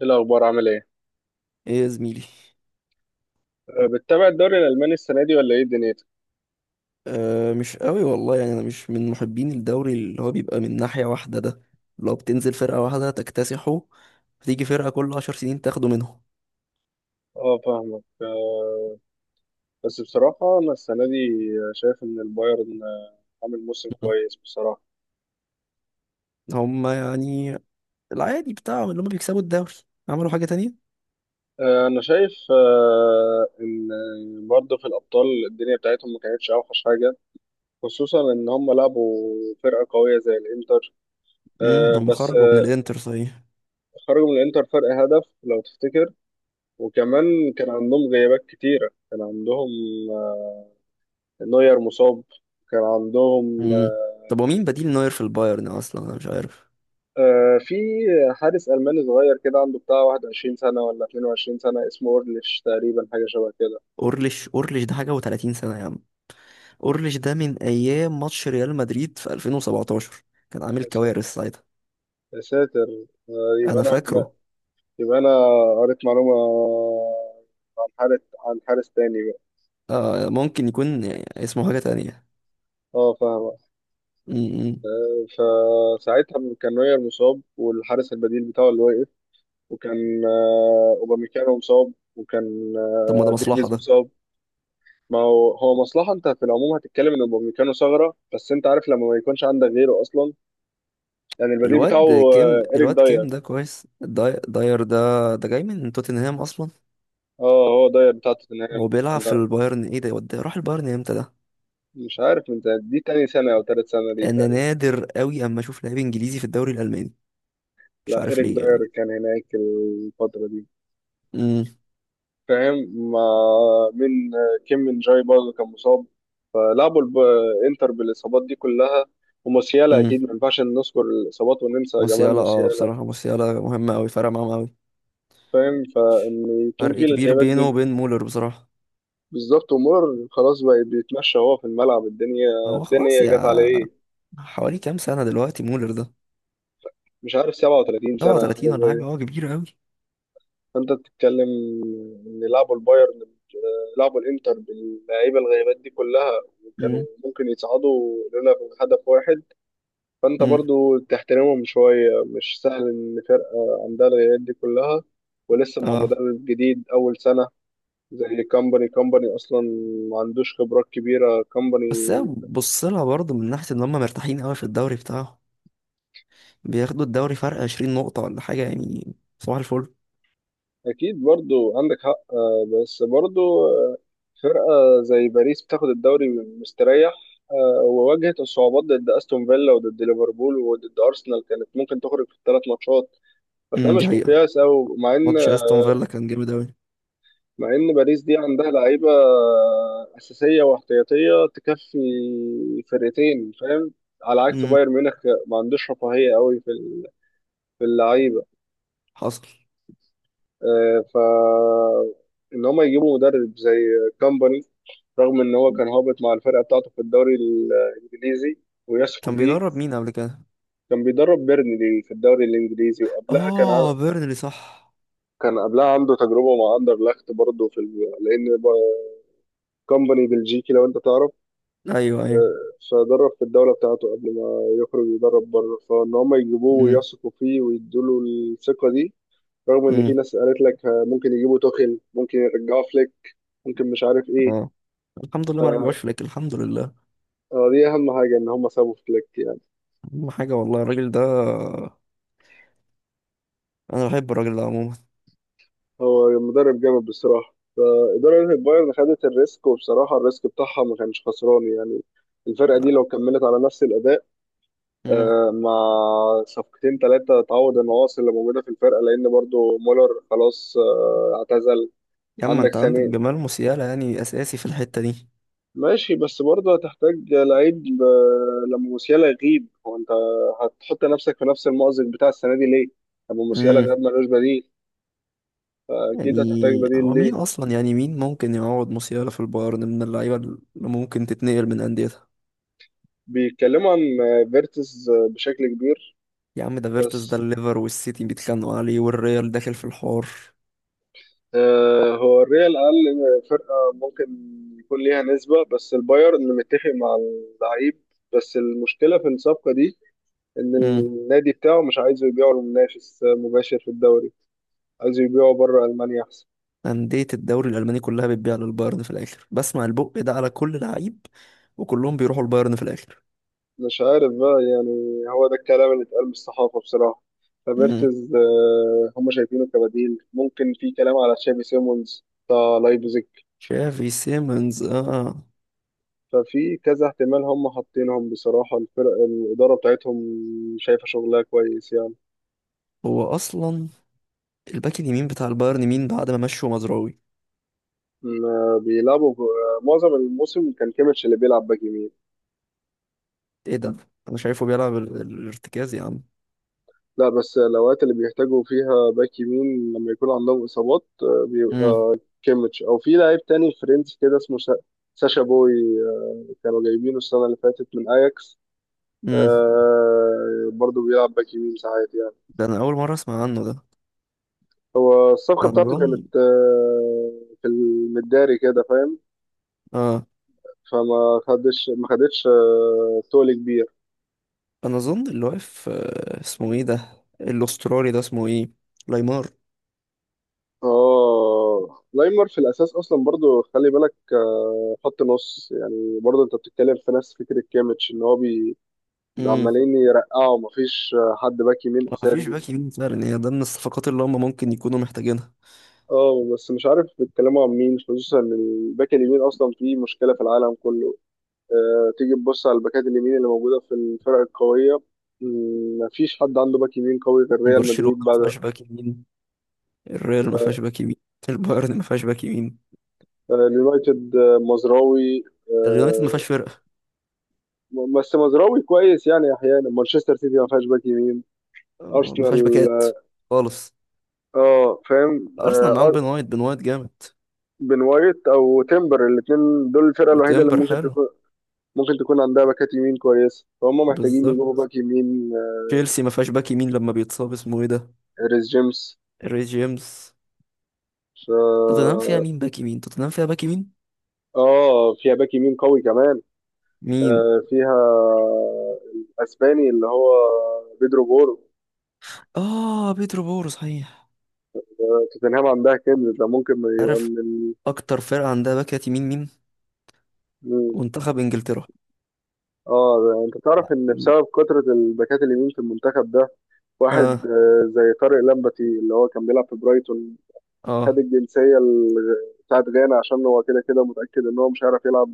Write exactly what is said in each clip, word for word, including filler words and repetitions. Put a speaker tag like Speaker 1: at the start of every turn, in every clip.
Speaker 1: ايه الاخبار؟ عامل ايه؟
Speaker 2: ايه يا زميلي؟
Speaker 1: أه، بتتابع الدوري الالماني السنه دي ولا ايه دنيتك؟
Speaker 2: أه، مش قوي والله، يعني انا مش من محبين الدوري اللي هو بيبقى من ناحية واحدة ده. لو بتنزل فرقة واحدة تكتسحه، فتيجي فرقة كل عشر سنين تاخده منهم.
Speaker 1: اه، فاهمك. أه بس بصراحه انا السنه دي شايف ان البايرن أه، عامل موسم
Speaker 2: مم.
Speaker 1: كويس بصراحه.
Speaker 2: هما، يعني، العادي بتاعهم اللي هما بيكسبوا الدوري، عملوا حاجة تانية.
Speaker 1: أه، انا شايف أه، ان برضه في الابطال الدنيا بتاعتهم ما كانتش اوحش حاجه، خصوصا ان هم لعبوا فرقه قويه زي الانتر.
Speaker 2: امم
Speaker 1: أه،
Speaker 2: هما
Speaker 1: بس
Speaker 2: خرجوا من
Speaker 1: أه،
Speaker 2: الانتر، صحيح.
Speaker 1: خرجوا من الانتر فرق هدف لو تفتكر، وكمان كان عندهم غيابات كتيره. كان عندهم أه، نوير مصاب، كان عندهم
Speaker 2: امم طب،
Speaker 1: آه،
Speaker 2: ومين بديل نوير في البايرن اصلا؟ انا مش عارف.
Speaker 1: آه، في حارس ألماني صغير كده عنده بتاع واحد وعشرين سنة ولا اتنين وعشرين سنة اسمه أورليش تقريبا، حاجة شبه كده.
Speaker 2: اورليش اورليش ده حاجة و30 سنة يا عم. اورليش ده من ايام ماتش ريال مدريد في ألفين وسبعتاشر. كان عامل
Speaker 1: يا س-
Speaker 2: كوارث ساعتها.
Speaker 1: يا ساتر. آه، يبقى
Speaker 2: انا
Speaker 1: أنا
Speaker 2: فاكره.
Speaker 1: يبقى أنا قريت معلومة عن حارس عن حارس تاني بقى.
Speaker 2: آه، ممكن يكون اسمه حاجة تانية.
Speaker 1: اه، فاهمة.
Speaker 2: م- م.
Speaker 1: آه، فساعتها كان نوير مصاب والحارس البديل بتاعه اللي وقف، وكان آه، أوباميكانو مصاب، وكان
Speaker 2: طب، ما ده
Speaker 1: آه،
Speaker 2: مصلحة
Speaker 1: ديفيز
Speaker 2: ده.
Speaker 1: مصاب. ما هو هو مصلحة، انت في العموم هتتكلم ان اوباميكانو ثغرة، بس انت عارف لما ما يكونش عندك غيره اصلا، يعني البديل بتاعه
Speaker 2: الواد كيم
Speaker 1: آه، إريك
Speaker 2: الواد كيم
Speaker 1: داير.
Speaker 2: ده كويس، داي... داير ده. ده جاي من توتنهام أصلا.
Speaker 1: اه، هو داير بتاع توتنهام.
Speaker 2: هو بيلعب في
Speaker 1: لا،
Speaker 2: البايرن؟ ايه ده؟ يود- راح البايرن امتى ده؟
Speaker 1: مش عارف، انت دي تاني سنة أو تالت سنة دي
Speaker 2: أنا
Speaker 1: تقريبا.
Speaker 2: نادر قوي أما أشوف لاعب إنجليزي في الدوري الألماني. مش
Speaker 1: لا،
Speaker 2: عارف
Speaker 1: إريك
Speaker 2: ليه
Speaker 1: داير
Speaker 2: يعني.
Speaker 1: كان هناك الفترة دي.
Speaker 2: امم
Speaker 1: فاهم. مع من، آه، كيم من جاي برضه كان مصاب، فلعبوا الب- انتر بالإصابات دي كلها. وموسيالا،
Speaker 2: امم
Speaker 1: أكيد ما ينفعش نذكر الإصابات وننسى جمال
Speaker 2: موسيالا، اه،
Speaker 1: موسيالا.
Speaker 2: بصراحة موسيالا مهم أوي، فرق معاهم أوي.
Speaker 1: فاهم. فإن يكون
Speaker 2: فرق
Speaker 1: في
Speaker 2: كبير
Speaker 1: الغيابات
Speaker 2: بينه
Speaker 1: دي.
Speaker 2: وبين مولر بصراحة.
Speaker 1: بالظبط، ومر خلاص بقى، بيتمشى هو في الملعب. الدنيا
Speaker 2: هو خلاص
Speaker 1: الدنيا جت
Speaker 2: يا.
Speaker 1: عليه.
Speaker 2: حوالي كام سنة دلوقتي مولر ده؟
Speaker 1: مش عارف، سبعة وتلاتين سنة.
Speaker 2: سبعة وثلاثين ولا حاجة، هو كبير أوي.
Speaker 1: فانت بتتكلم ان لعبوا البايرن، آه، لعبوا الانتر باللعيبه الغيبات دي كلها، وكانوا ممكن يصعدوا لولا هدف واحد. فانت
Speaker 2: امم
Speaker 1: برضو تحترمهم شويه، مش سهل ان فرقه عندها الغيبات دي كلها، ولسه مع
Speaker 2: اه،
Speaker 1: مدرب جديد اول سنه زي كامباني. كامباني اصلا ما عندوش خبرات كبيره
Speaker 2: بس
Speaker 1: كامباني.
Speaker 2: بص لها برضه من ناحية ان هم مرتاحين قوي في الدوري بتاعهم، بياخدوا الدوري فرق عشرين نقطة ولا حاجة يعني، صباح الفل.
Speaker 1: اكيد برضو عندك حق، آه، بس برضو آه، فرقه زي باريس بتاخد الدوري مستريح، آه، وواجهت الصعوبات ضد استون فيلا وضد ليفربول وضد ارسنال، كانت ممكن تخرج في الثلاث ماتشات، فده
Speaker 2: امم دي
Speaker 1: مش
Speaker 2: حقيقة.
Speaker 1: مقياس. او مع ان،
Speaker 2: ماتش استون فيلا كان جامد قوي.
Speaker 1: مع ان باريس دي عندها لعيبه آه، اساسيه واحتياطيه تكفي فرقتين، فاهم، على عكس
Speaker 2: امم
Speaker 1: بايرن ميونخ. ما عندوش رفاهيه قوي في ال- في اللعيبه.
Speaker 2: حصل.
Speaker 1: آه، ف ان هم يجيبوا مدرب زي كامباني رغم ان هو كان هابط مع الفرقه بتاعته في الدوري الانجليزي ويثقوا
Speaker 2: كان
Speaker 1: فيه.
Speaker 2: بيدرب مين قبل كده؟
Speaker 1: كان بيدرب بيرنلي في الدوري الانجليزي، وقبلها كان ع...
Speaker 2: اه، بيرنلي، صح.
Speaker 1: كان قبلها عنده تجربه مع اندرلخت برضه في ال... لان ب- كومباني بلجيكي لو انت تعرف،
Speaker 2: ايوه، ايوه.
Speaker 1: آه، فدرب في الدوله بتاعته قبل ما يخرج يدرب بره، فان هم يجيبوه
Speaker 2: امم
Speaker 1: ويثقوا فيه ويدوا له الثقه دي رغم ان في
Speaker 2: امم
Speaker 1: ناس قالت لك آه، ممكن يجيبوا توخيل، ممكن يرجعوا فليك، ممكن مش عارف ايه.
Speaker 2: اه، الحمد لله ما
Speaker 1: آه،
Speaker 2: رجعوش فليك، الحمد لله.
Speaker 1: آه، دي اهم حاجه ان هم سابوا فليك يعني.
Speaker 2: اهم حاجة والله الراجل ده. انا بحب الراجل ده عموما.
Speaker 1: هو مدرب جامد بصراحة، فإدارة البايرن خدت الريسك، وبصراحة الريسك بتاعها ما كانش خسران يعني. الفرقة دي لو كملت على نفس الأداء
Speaker 2: امم
Speaker 1: آه، مع صفقتين ثلاثة تعوض النواقص اللي موجودة في الفرقة، لأن برضو مولر خلاص آه، اعتزل.
Speaker 2: يا اما
Speaker 1: عندك
Speaker 2: انت عندك
Speaker 1: سنة
Speaker 2: جمال موسيالا يعني اساسي في الحتة
Speaker 1: ماشي، بس برضو هتحتاج لعيب آه، لما موسيالا يغيب. هو أنت هتحط نفسك في نفس المأزق بتاع السنة دي ليه؟ لما موسيالا
Speaker 2: دي.
Speaker 1: غاب ملوش بديل، فأكيد هتحتاج
Speaker 2: يعني
Speaker 1: بديل
Speaker 2: هو
Speaker 1: ليه.
Speaker 2: مين اصلا؟ يعني مين ممكن يعوض موسيالا في البايرن من اللعيبه اللي ممكن تتنقل من انديتها؟
Speaker 1: بيتكلموا عن آه، فيرتز آه، بشكل كبير.
Speaker 2: يا عم ده فيرتس، ده
Speaker 1: بس
Speaker 2: الليفر والسيتي بيتخانقوا عليه، والريال داخل في الحوار.
Speaker 1: آه، هو الريال قال فرقة ممكن يكون ليها نسبة، بس البايرن متفق مع اللعيب. بس المشكلة في الصفقة دي إن
Speaker 2: امم
Speaker 1: النادي بتاعه مش عايزه يبيعه لمنافس آه، مباشر في الدوري، عايزه يبيعه بره ألمانيا أحسن.
Speaker 2: انديه الدوري الالماني كلها بتبيع للبايرن في الاخر، بسمع البق ده على كل لعيب، وكلهم بيروحوا البايرن في الاخر.
Speaker 1: مش عارف بقى، يعني هو ده الكلام اللي اتقال من الصحافة بصراحة.
Speaker 2: امم
Speaker 1: فميرتز آه هم شايفينه كبديل ممكن، في كلام على تشافي سيمونز بتاع لايبزيج.
Speaker 2: شافي سيمنز، اه.
Speaker 1: ففي كذا احتمال هم حاطينهم بصراحة، الفرق الإدارة بتاعتهم شايفة شغلها كويس يعني.
Speaker 2: هو اصلا الباك اليمين بتاع البايرن مين بعد ما مشوا مزراوي؟
Speaker 1: ما بيلعبوا ب- معظم الموسم كان كيميتش اللي بيلعب باك يمين.
Speaker 2: ايه ده؟ انا شايفه بيلعب ال- ال- الارتكاز يا عم.
Speaker 1: لا، بس الأوقات اللي بيحتاجوا فيها باك يمين لما يكون عندهم إصابات آه،
Speaker 2: امم
Speaker 1: بيبقى كيميتش، أو في لاعب تاني فرنسي كده اسمه سا- ساشا بوي. آه، كانوا جايبينه السنة اللي فاتت من أياكس،
Speaker 2: امم
Speaker 1: آه، برضه بيلعب باك يمين ساعات يعني.
Speaker 2: ده انا اول مره اسمع عنه ده.
Speaker 1: الصفقة
Speaker 2: انا
Speaker 1: بتاعته
Speaker 2: اظن
Speaker 1: كانت آه، في المداري كده فاهم،
Speaker 2: اه
Speaker 1: فما خدش ما خدتش آه، تول كبير.
Speaker 2: انا اظن اللي واقف، آه، اسمه ايه ده الاسترالي ده؟ اسمه ايه؟ لايمار.
Speaker 1: اه، لايمر في الاساس اصلا برضو خلي بالك آه، خط نص، يعني برضو انت بتتكلم في نفس فكره كيميتش، ان هو بي
Speaker 2: امم
Speaker 1: عمالين يرقعوا، مفيش آه، حد باك يمين
Speaker 2: مفيش
Speaker 1: اساسي.
Speaker 2: باك يمين فعلا، هي ده من الصفقات اللي هم ممكن يكونوا محتاجينها.
Speaker 1: اه، بس مش عارف بيتكلموا عن مين، خصوصا ان الباك اليمين اصلا فيه مشكله في العالم كله. آه، تيجي تبص على الباكات اليمين اللي موجوده في الفرق القويه، مم، مفيش حد عنده باك يمين قوي غير ريال
Speaker 2: برشلونة
Speaker 1: مدريد
Speaker 2: ما
Speaker 1: بعد.
Speaker 2: فيهاش باك يمين. الريال ما
Speaker 1: آه،
Speaker 2: فيهاش باك يمين. البايرن ما فيهاش باك يمين.
Speaker 1: آه، اليونايتد آه، مزراوي.
Speaker 2: اليونايتد ما فيهاش
Speaker 1: آه،
Speaker 2: فرقة.
Speaker 1: م- بس مزراوي كويس يعني احيانا. مانشستر سيتي ما فيهاش باك يمين.
Speaker 2: آه، ما فيهاش
Speaker 1: ارسنال.
Speaker 2: باكات خالص.
Speaker 1: اه، فاهم.
Speaker 2: الارسنال
Speaker 1: آه،
Speaker 2: معاهم بين
Speaker 1: أر-
Speaker 2: وايت، بين وايت جامد.
Speaker 1: بن وايت او تيمبر، الاثنين دول الفرقه الوحيده اللي
Speaker 2: وتمبر
Speaker 1: ممكن
Speaker 2: حلو.
Speaker 1: تكون، ممكن تكون عندها باكات يمين كويسه، فهم محتاجين يجيبوا
Speaker 2: بالظبط.
Speaker 1: باك يمين آه،
Speaker 2: تشيلسي ما فيهاش باك يمين لما بيتصاب، اسمه ايه ده؟
Speaker 1: ريس جيمس.
Speaker 2: الري جيمس.
Speaker 1: ف...
Speaker 2: توتنهام فيها مين باك يمين؟ توتنهام فيها باك يمين.
Speaker 1: اه، فيها باك يمين قوي كمان.
Speaker 2: مين؟
Speaker 1: آه، فيها الاسباني اللي هو بيدرو بورو.
Speaker 2: اه، بيترو بورو، صحيح.
Speaker 1: توتنهام عندها كنز ده، ممكن يبقى
Speaker 2: عارف، اكتر فرقة عندها باكات يمين مين؟
Speaker 1: من.
Speaker 2: منتخب انجلترا.
Speaker 1: اه ده- انت تعرف ان بسبب كثرة الباكات اليمين في المنتخب ده واحد
Speaker 2: اه،
Speaker 1: آه، زي طارق لمبتي اللي هو كان بيلعب في برايتون، خد
Speaker 2: اه،
Speaker 1: الجنسية ال- بتاعت غانا عشان هو كده كده متأكد ان هو مش هيعرف يلعب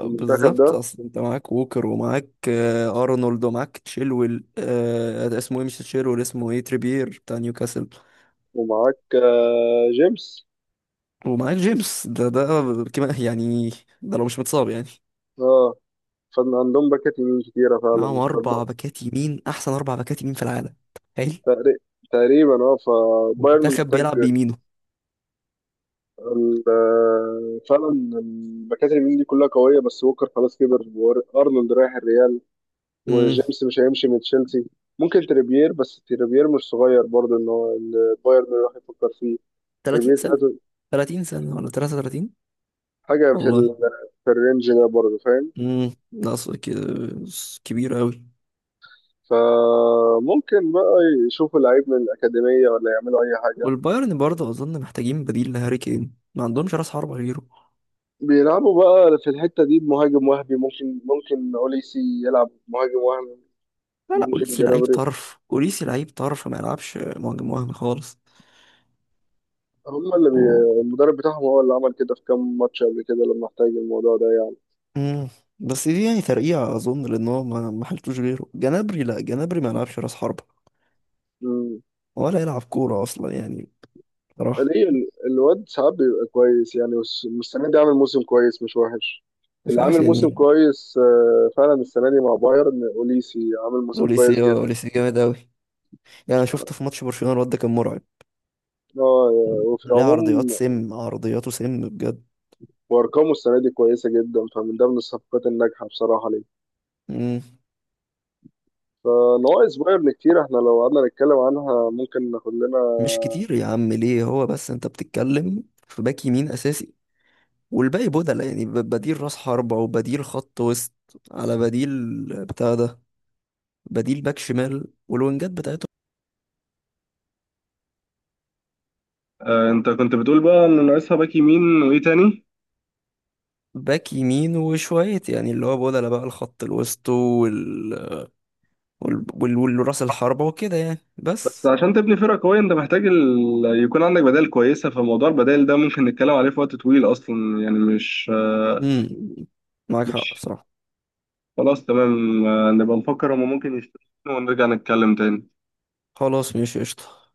Speaker 1: في المنتخب
Speaker 2: بالظبط.
Speaker 1: ده،
Speaker 2: اصل انت معاك ووكر، ومعاك آه ارنولد، ومعاك تشيلويل، آه اسمه ايه؟ مش تشيلويل، اسمه ايه؟ تريبير بتاع نيوكاسل.
Speaker 1: ومعاك آه، جيمس.
Speaker 2: ومعاك جيمس، ده ده كمان يعني، ده لو مش متصاب يعني.
Speaker 1: اه، فان عندهم باكات يمين كتيرة
Speaker 2: معاهم
Speaker 1: فعلا
Speaker 2: اربع
Speaker 1: تقريبا.
Speaker 2: باكات يمين، احسن اربع باكات يمين في العالم. تخيل،
Speaker 1: تقريبا اه، فبايرن
Speaker 2: منتخب
Speaker 1: محتاج
Speaker 2: بيلعب بيمينه.
Speaker 1: ال- آه، فعلا الباكات اليمين دي كلها قوية، بس ووكر خلاص كبر، وأرنولد رايح الريال،
Speaker 2: امم
Speaker 1: وجيمس مش هيمشي من تشيلسي. ممكن تريبير، بس تريبير مش صغير برضه، ان هو إن بايرن راح يفكر فيه.
Speaker 2: تلاتين
Speaker 1: تريبير
Speaker 2: سنة.
Speaker 1: تلاتة،
Speaker 2: تلاتين سنة ولا تلاتة وتلاتين؟
Speaker 1: حاجة في
Speaker 2: والله.
Speaker 1: ال... في الرينج ده برضه فاهم.
Speaker 2: امم نقص ك- كبير قوي.
Speaker 1: فممكن بقى يشوفوا لعيب من الأكاديمية، ولا يعملوا أي حاجة،
Speaker 2: والبايرن برضه اظن محتاجين بديل لهاري كين، ما عندهمش راس حربة غيره.
Speaker 1: بيلعبوا بقى في الحتة دي بمهاجم وهمي. ممكن، ممكن أوليسي يلعب مهاجم وهمي،
Speaker 2: لا، لا،
Speaker 1: ممكن
Speaker 2: اوليسي لعيب
Speaker 1: جنابري.
Speaker 2: طرف، اوليسي لعيب طرف، ما يلعبش مهاجم وهمي خالص.
Speaker 1: هم اللي بي...
Speaker 2: و...
Speaker 1: المدرب بتاعهم هو اللي عمل كده في كام ماتش قبل كده لما احتاج الموضوع ده
Speaker 2: مم. بس دي يعني ترقيعة اظن، لان هو ما ما حلتوش غيره. جنابري؟ لا، جنابري ما يلعبش راس حربة
Speaker 1: يعني.
Speaker 2: ولا يلعب كورة اصلا يعني، بصراحة.
Speaker 1: ليه ال- الواد ساعات بيبقى كويس، يعني والس- والسنة دي عامل موسم كويس مش وحش.
Speaker 2: مش
Speaker 1: اللي
Speaker 2: عارف
Speaker 1: عامل موسم
Speaker 2: يعني.
Speaker 1: كويس آه، فعلا السنة دي مع بايرن أوليسي، عامل موسم كويس
Speaker 2: اوليسي اه
Speaker 1: جدا.
Speaker 2: اوليسي جامد قوي، يعني انا شفته في ماتش برشلونة، الواد ده كان مرعب.
Speaker 1: اه، وفي
Speaker 2: ليه؟ عرضيات
Speaker 1: العموم
Speaker 2: سم، عرضياته سم بجد.
Speaker 1: وأرقامه السنة دي كويسة جدا، فمن ده من الصفقات الناجحة بصراحة ليه.
Speaker 2: مم.
Speaker 1: فنواقص بايرن كتير، احنا لو قعدنا نتكلم عنها ممكن ناخد لنا.
Speaker 2: مش كتير يا عم، ليه؟ هو بس انت بتتكلم في باك يمين اساسي، والباقي بدل يعني، ب- بديل راس حربة وبديل خط وسط، على بديل بتاع ده، بديل باك شمال والوينجات بتاعته.
Speaker 1: آه، انت كنت بتقول بقى ان ناقصها باك يمين وايه تاني.
Speaker 2: باك يمين وشوية يعني، اللي هو بدل بقى الخط الوسط، وال... وال... وال... والراس الحربة وكده يعني
Speaker 1: بس
Speaker 2: بس.
Speaker 1: عشان تبني فرقة قوية انت محتاج ال... يكون عندك بدائل كويسة، فموضوع البدائل ده ممكن نتكلم عليه في وقت طويل اصلا، يعني مش آه،
Speaker 2: امم معاك حق
Speaker 1: مش
Speaker 2: بصراحة.
Speaker 1: خلاص تمام. آه، نبقى نفكر هما ممكن يشتروا، ونرجع نتكلم تاني.
Speaker 2: خلاص ماشي قشطة.